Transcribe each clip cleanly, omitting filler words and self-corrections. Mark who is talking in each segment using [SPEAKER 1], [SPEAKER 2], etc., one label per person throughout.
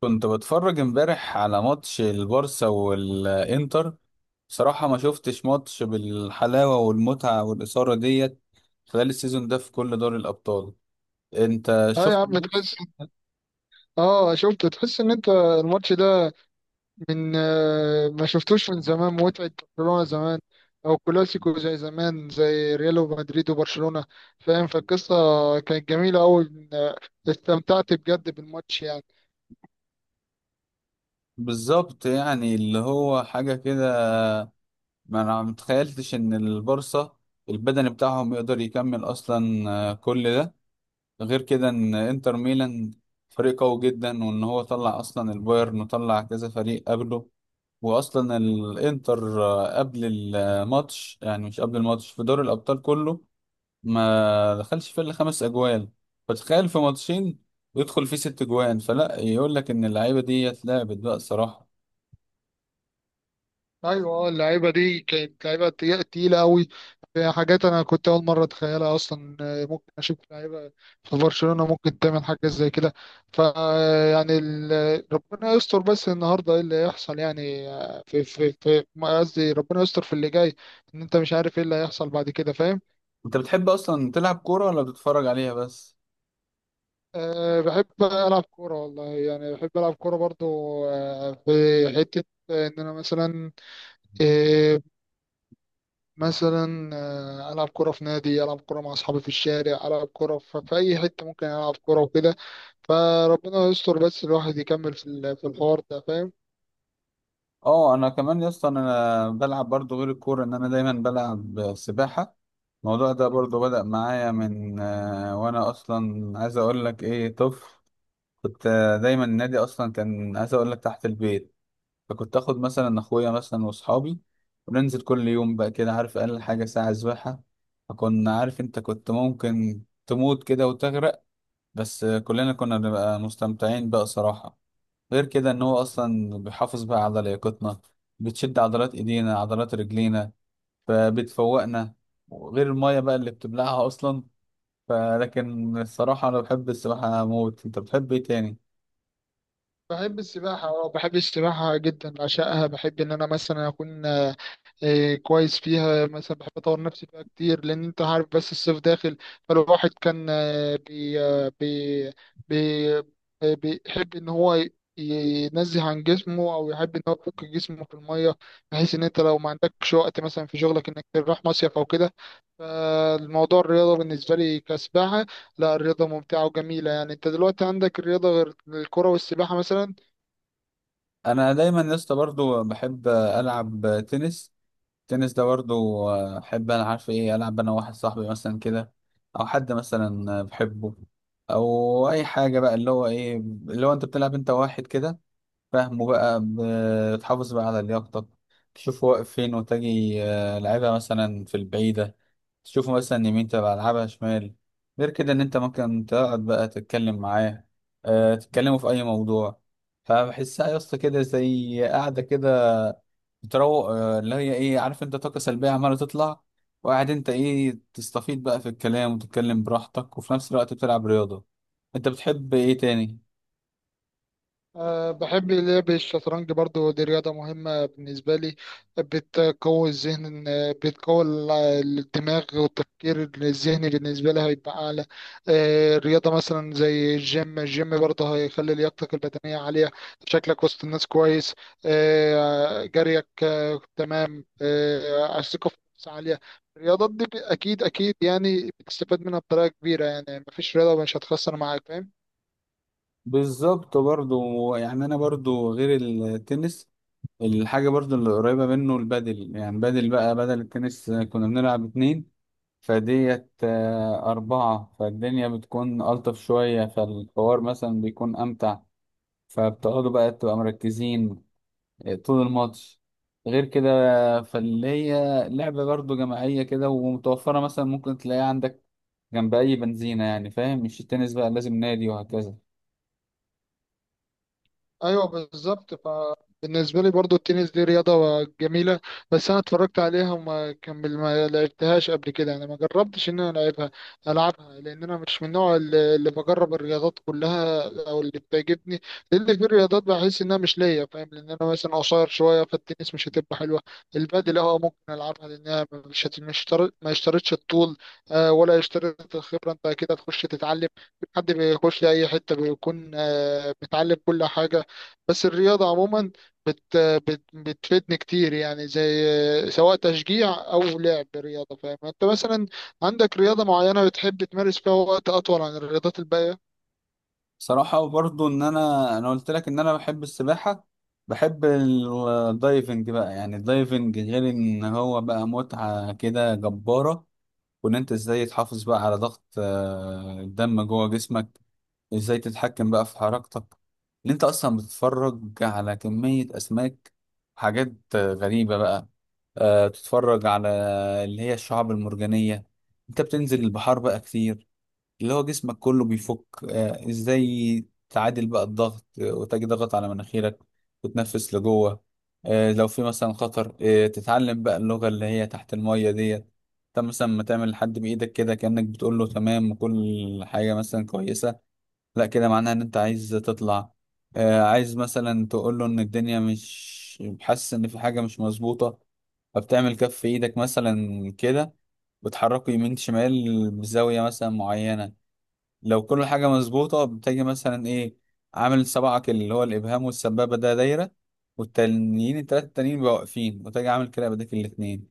[SPEAKER 1] كنت بتفرج امبارح على ماتش البارسا والانتر. بصراحة ما شفتش ماتش بالحلاوة والمتعة والإثارة ديت خلال السيزون ده في كل دوري الأبطال. انت
[SPEAKER 2] اه يا
[SPEAKER 1] شفت
[SPEAKER 2] عم، تحس.
[SPEAKER 1] الماتش؟
[SPEAKER 2] اه شفت؟ تحس ان انت الماتش ده من ما شفتوش من زمان متعة. برشلونة زمان، او كلاسيكو زي زمان زي ريال ومدريد وبرشلونة، فاهم؟ فالقصة كانت جميلة اوي، استمتعت بجد بالماتش يعني.
[SPEAKER 1] بالظبط، يعني اللي هو حاجة كده. ما انا متخيلتش ان البارسا البدني بتاعهم يقدر يكمل اصلا، كل ده. غير كده ان انتر ميلان فريق قوي جدا، وان هو طلع اصلا البايرن وطلع كذا فريق قبله. واصلا الانتر، قبل الماتش، يعني مش قبل الماتش، في دوري الابطال كله ما دخلش فيه الا خمس اجوال. فتخيل في ماتشين ويدخل فيه ست اجوان، فلا يقول لك ان اللعيبه دي اتلعبت بقى الصراحه.
[SPEAKER 2] ايوه، اللعيبه دي كانت لعيبه تقيله قوي. في حاجات انا كنت اول مره اتخيلها اصلا، ممكن اشوف لعيبه في برشلونه ممكن تعمل حاجه زي كده. ف آه، يعني ربنا يستر، بس النهارده ايه اللي هيحصل؟ يعني آه، في في في ما قصدي ربنا يستر في اللي جاي، ان انت مش عارف ايه اللي هيحصل بعد كده، فاهم؟
[SPEAKER 1] انت بتحب اصلا تلعب كوره ولا بتتفرج عليها بس؟
[SPEAKER 2] أه، بحب العب كوره والله، يعني بحب العب كوره برضو. أه، في حته ان انا مثلا آه، مثلا العب كوره في نادي، العب كوره مع اصحابي في الشارع، العب كوره في اي حته ممكن العب كوره وكده. فربنا يستر بس الواحد يكمل في في الحوار ده، فاهم؟
[SPEAKER 1] اه، انا كمان يا اسطى انا بلعب برضو غير الكوره، ان انا دايما بلعب سباحه. الموضوع ده برضو بدأ معايا من وانا اصلا عايز اقول لك ايه، طفل. كنت دايما النادي اصلا كان عايز اقول لك تحت البيت. فكنت اخد مثلا اخويا مثلا واصحابي، وننزل كل يوم بقى كده، عارف، اقل حاجه ساعه سباحه. فكنا، عارف انت، كنت ممكن تموت كده وتغرق. بس كلنا كنا بنبقى مستمتعين بقى صراحه. غير كده ان هو اصلا بيحافظ بقى على لياقتنا، بتشد عضلات ايدينا عضلات رجلينا فبتفوقنا. وغير الميه بقى اللي بتبلعها اصلا. فلكن الصراحه انا بحب السباحه موت. انت بتحب ايه تاني؟
[SPEAKER 2] بحب السباحة، اه بحب السباحة جدا، بعشقها. بحب ان انا مثلا اكون كويس فيها، مثلا بحب اطور نفسي فيها كتير لان انت عارف بس الصيف داخل. فالواحد كان آه، بي آه، بي بي آه، بيحب ان هو ينزه عن جسمه او يحب ان هو يفك جسمه في المية، بحيث ان انت لو ما عندكش وقت مثلا في شغلك انك تروح مصيف او كده. فالموضوع الرياضة بالنسبة لي كسباحة. لا، الرياضة ممتعة وجميلة يعني. انت دلوقتي عندك الرياضة غير الكرة والسباحة مثلا؟
[SPEAKER 1] انا دايما يا اسطى برضه بحب العب تنس. التنس ده برضه احب، انا عارف ايه، العب انا واحد صاحبي مثلا كده، او حد مثلا بحبه، او اي حاجه بقى اللي هو ايه اللي هو انت بتلعب انت واحد كده، فاهمه بقى. بتحافظ بقى على لياقتك، تشوف واقف فين وتجي لعبها مثلا في البعيده، تشوفه مثلا يمين تبقى العبها شمال. غير كده ان انت ممكن تقعد بقى تتكلم معاه، أه، تتكلموا في اي موضوع. فبحسها يا اسطى كده زي قاعده كده بتروق، اللي هي ايه، عارف انت، طاقه سلبيه عماله تطلع. وقاعد انت ايه، تستفيد بقى في الكلام وتتكلم براحتك، وفي نفس الوقت بتلعب رياضه. انت بتحب ايه تاني؟
[SPEAKER 2] أه، بحب لعب الشطرنج برضو، دي رياضة مهمة بالنسبة لي، بتقوي الذهن، بتقوي الدماغ والتفكير الذهني بالنسبة لي هيبقى أعلى. أه رياضة مثلا زي الجيم، الجيم برضه هيخلي لياقتك البدنية عالية، شكلك وسط الناس كويس. أه جريك، أه تمام، أه الثقة في النفس عالية. الرياضات دي أكيد أكيد يعني بتستفاد منها بطريقة كبيرة. يعني مفيش رياضة مش هتخسر معاك، فاهم؟
[SPEAKER 1] بالظبط، برضو يعني انا برضو غير التنس، الحاجه برضو اللي قريبه منه البادل. يعني بدل بقى بدل التنس كنا بنلعب اتنين، فديت أربعة، فالدنيا بتكون ألطف شوية، فالحوار مثلا بيكون أمتع. فبتقعدوا بقى تبقى مركزين طول الماتش. غير كده فاللي هي لعبة برضو جماعية كده، ومتوفرة مثلا ممكن تلاقيها عندك جنب أي بنزينة، يعني فاهم، مش التنس بقى لازم نادي وهكذا.
[SPEAKER 2] ايوه بالظبط. فبالنسبه لي برضو التنس دي رياضه جميله، بس انا اتفرجت عليها وما كمل، ما لعبتهاش قبل كده يعني. ما جربتش ان انا العبها، لان انا مش من النوع اللي بجرب الرياضات كلها او اللي بتعجبني، لان في الرياضات بحس انها مش ليا، فاهم؟ لان انا مثلا قصير شويه فالتنس مش هتبقى حلوه. البادل اه ممكن العبها لانها مش تر- ما اشترطش الطول ولا اشترط الخبره، انت كده تخش تتعلم. حد بيخش اي حته بيكون متعلم كل حاجه. بس الرياضة عموما بت بت بتفيدني كتير، يعني زي سواء تشجيع أو لعب رياضة، فاهم؟ أنت مثلا عندك رياضة معينة بتحب تمارس فيها وقت أطول عن الرياضات الباقية؟
[SPEAKER 1] صراحة برضو، إن أنا قلت لك إن أنا بحب السباحة. بحب الدايفنج بقى. يعني الدايفنج غير إن هو بقى متعة كده جبارة، وان انت ازاي تحافظ بقى على ضغط الدم جوه جسمك، ازاي تتحكم بقى في حركتك. ان انت اصلا بتتفرج على كمية اسماك، حاجات غريبة بقى، تتفرج على اللي هي الشعاب المرجانية. انت بتنزل البحار بقى كتير، اللي هو جسمك كله بيفك. ازاي تعادل بقى الضغط، وتجي ضغط على مناخيرك وتنفس لجوه. لو في مثلا خطر، تتعلم بقى اللغة اللي هي تحت المية ديت. انت مثلا ما تعمل لحد بإيدك كده كأنك بتقول له تمام وكل حاجة مثلا كويسة. لا، كده معناها ان انت عايز تطلع. عايز مثلا تقول له ان الدنيا، مش حاسس ان في حاجة مش مظبوطة، فبتعمل كف ايدك مثلا كده، بتحركه يمين شمال بزاوية مثلا معينة. لو كل حاجة مظبوطة بتجي مثلا ايه، عامل سبعك اللي هو الإبهام والسبابة ده دايرة، والتانيين التلاتة التانيين بيبقوا واقفين، وتجي عامل كده بديك الاتنين.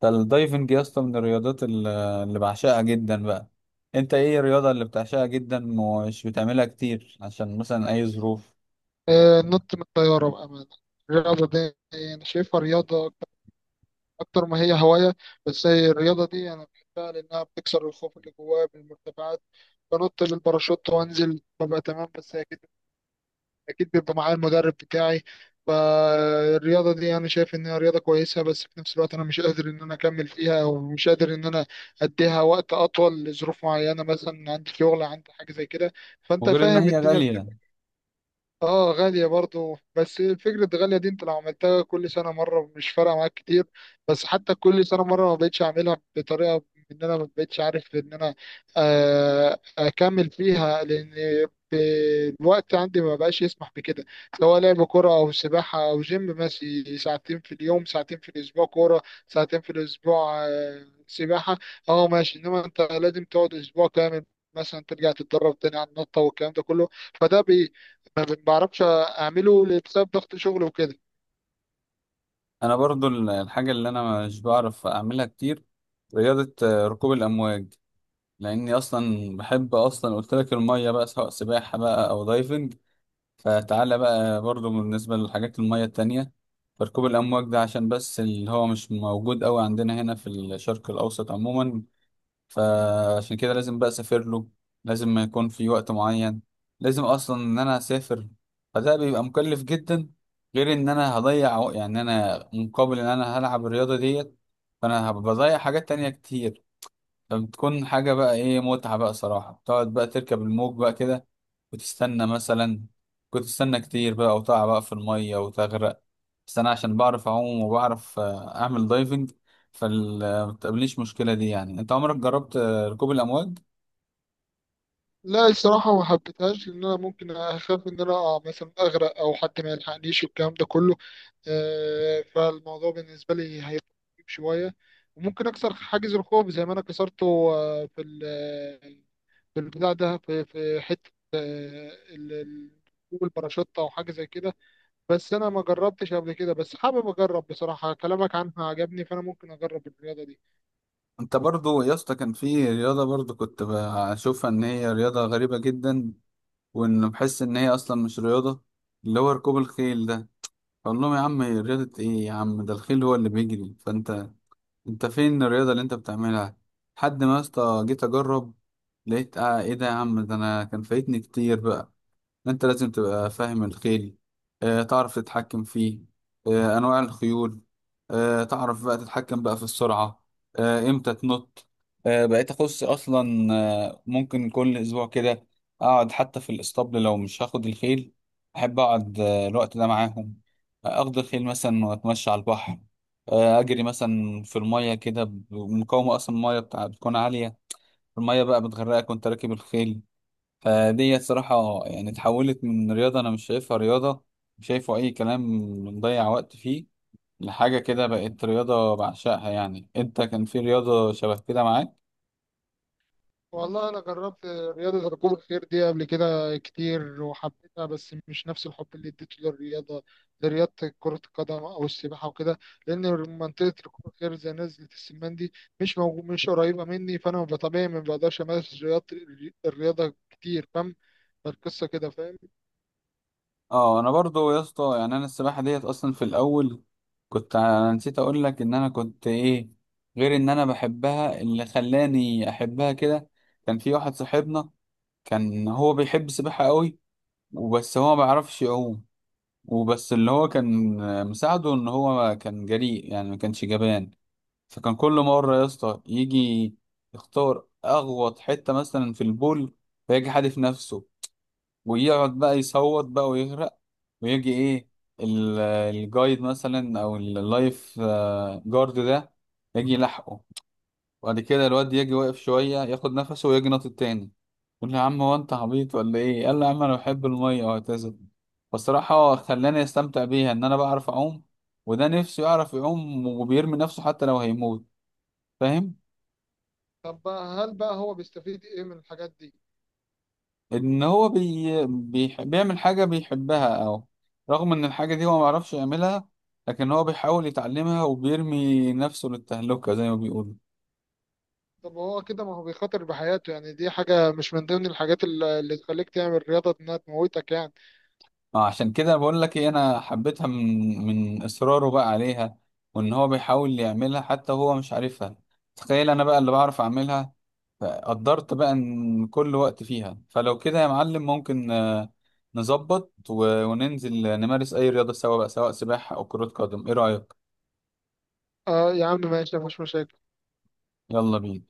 [SPEAKER 1] فالدايفنج يا اسطى من الرياضات اللي بعشقها جدا بقى. انت ايه الرياضة اللي بتعشقها جدا ومش بتعملها كتير عشان مثلا أي ظروف؟
[SPEAKER 2] النط من الطيارة بأمانة. الرياضة دي أنا شايفها رياضة أكتر ما هي هواية، بس هي الرياضة دي أنا بحبها لأنها بتكسر الخوف اللي جوايا من المرتفعات. بنط بالباراشوت وأنزل، ببقى تمام، بس هي أكيد اكيد بيبقى معايا المدرب بتاعي. فالرياضه دي انا شايف انها رياضه كويسه، بس في نفس الوقت انا مش قادر ان انا اكمل فيها، ومش قادر ان انا اديها وقت اطول لظروف معينه، مثلا عندي شغل، عندي حاجه زي كده، فانت
[SPEAKER 1] وغير إن
[SPEAKER 2] فاهم
[SPEAKER 1] هي
[SPEAKER 2] الدنيا.
[SPEAKER 1] غالية.
[SPEAKER 2] اه غالية برضو، بس فكرة غالية دي انت لو عملتها كل سنة مرة مش فارقة معاك كتير. بس حتى كل سنة مرة ما بقتش اعملها بطريقة، ان انا ما بقتش عارف ان انا اكمل فيها، لان ب- الوقت عندي ما بقاش يسمح بكده. سواء لعب كرة او سباحة او جيم، ماشي، ساعتين في اليوم، ساعتين في الاسبوع كرة، ساعتين في الاسبوع سباحة، اه ماشي. انما انت لازم تقعد اسبوع كامل مثلا ترجع تتدرب تاني على النطة والكلام ده كله، فده ما بعرفش اعمله بسبب ضغط شغل وكده.
[SPEAKER 1] أنا برضو الحاجة اللي أنا مش بعرف أعملها كتير، رياضة ركوب الأمواج. لأني أصلا بحب، أصلا قلت لك المية بقى سواء سباحة بقى أو دايفنج، فتعالى بقى برضو بالنسبة للحاجات المية التانية. فركوب الأمواج ده عشان بس اللي هو مش موجود أوي عندنا هنا في الشرق الأوسط عموما، فعشان كده لازم بقى أسافر له، لازم ما يكون في وقت معين، لازم أصلا إن أنا أسافر، فده بيبقى مكلف جدا. غير إن أنا هضيع يعني أنا مقابل إن أنا هلعب الرياضة ديت، فأنا هبقى بضيع حاجات تانية كتير. فبتكون حاجة بقى إيه، متعة بقى صراحة تقعد بقى تركب الموج بقى كده، وتستنى مثلا، كنت استنى كتير بقى، وتقع بقى في المية وتغرق. بس انا عشان بعرف اعوم وبعرف اعمل دايفنج فمتقابلنيش المشكلة دي. يعني انت عمرك جربت ركوب الامواج؟
[SPEAKER 2] لا الصراحه ما حبيتهاش، لان انا ممكن اخاف ان انا أقع مثلا، اغرق او حد ما يلحقنيش والكلام ده كله. فالموضوع بالنسبه لي هيبقى مخيف شويه. وممكن اكسر حاجز الخوف زي ما انا كسرته آه، في ال- في البتاع ده، في حته جوجل باراشوت او حاجه زي كده. بس انا ما جربتش قبل كده، بس حابب اجرب بصراحه، كلامك عنها عجبني فانا ممكن اجرب الرياضه دي.
[SPEAKER 1] انت برضو يا اسطى، كان في رياضة برضو كنت بشوفها ان هي رياضة غريبة جدا، وان بحس ان هي اصلا مش رياضة، اللي هو ركوب الخيل ده. اقول لهم يا عم هي رياضة ايه يا عم، ده الخيل هو اللي بيجري، فانت انت فين الرياضة اللي انت بتعملها؟ لحد ما يا اسطى جيت اجرب، لقيت اه ايه ده يا عم، ده انا كان فايتني كتير بقى. انت لازم تبقى فاهم الخيل، تعرف تتحكم فيه، انواع الخيول، تعرف بقى تتحكم بقى في السرعة، امتى تنط. بقيت اخص اصلا، ممكن كل اسبوع كده، اقعد حتى في الاسطبل لو مش هاخد الخيل. احب اقعد الوقت ده معاهم. اخد الخيل مثلا واتمشى على البحر، اجري مثلا في المية كده مقاومة، اصلا المية بتاع بتكون عالية، المية بقى بتغرقك وانت راكب الخيل. فدي صراحة يعني اتحولت من رياضة أنا مش شايفها رياضة، مش شايفه أي كلام، بنضيع وقت فيه، لحاجة كده بقت رياضة بعشقها. يعني أنت كان في رياضة شبه كده معاك؟
[SPEAKER 2] والله انا جربت رياضه ركوب الخيل دي قبل كده كتير وحبيتها، بس مش نفس الحب اللي اديته لرياضه كره القدم او السباحه وكده، لان منطقه ركوب الخيل زي نزله السمان دي مش موجود، مش قريبه مني، فانا طبيعي ما بقدرش امارس الرياضه كتير، فاهم؟ فالقصه كده، فاهم؟
[SPEAKER 1] أه، أنا برضو يا اسطى يعني أنا السباحة ديت أصلا في الأول، كنت أنا نسيت أقول لك إن أنا كنت إيه، غير إن أنا بحبها. اللي خلاني أحبها كده، كان في واحد صاحبنا كان هو بيحب السباحة قوي، وبس هو ما بيعرفش يعوم. وبس اللي هو كان مساعده ان هو كان جريء، يعني ما كانش جبان. فكان كل مرة يا اسطى يجي يختار اغوط حتة مثلا في البول، فيجي حادف نفسه، ويقعد بقى يصوت بقى ويغرق، ويجي ايه الجايد مثلا او اللايف جارد ده يجي يلحقه. وبعد كده الواد يجي واقف شوية ياخد نفسه ويجي ناطط تاني. يقول لي يا عم هو انت عبيط ولا ايه، قال لي يا عم انا بحب المية وهكذا. فالصراحة خلاني استمتع بيها، ان انا بعرف اعوم، وده نفسه يعرف يعوم وبيرمي نفسه حتى لو هيموت، فاهم.
[SPEAKER 2] طب بقى، هل بقى هو بيستفيد ايه من الحاجات دي؟
[SPEAKER 1] ان هو بيعمل حاجة بيحبها، او رغم ان الحاجة دي هو ما يعرفش يعملها، لكن هو بيحاول يتعلمها وبيرمي نفسه للتهلكة زي ما بيقولوا.
[SPEAKER 2] طب هو كده ما هو بيخاطر بحياته يعني، دي حاجه مش من ضمن الحاجات اللي تخليك تعمل رياضه، انها تموتك يعني.
[SPEAKER 1] اه، عشان كده بقول لك ايه، انا حبيتها من اصراره بقى عليها، وان هو بيحاول يعملها حتى هو مش عارفها. تخيل انا بقى اللي بعرف اعملها، فقدرت بقى ان كل وقت فيها. فلو كده يا معلم ممكن نظبط وننزل نمارس اي رياضة سوا بقى، سواء سباحة او كرة قدم، ايه رأيك؟
[SPEAKER 2] آه يا عم ماشي، مفيش مشاكل.
[SPEAKER 1] يلا بينا.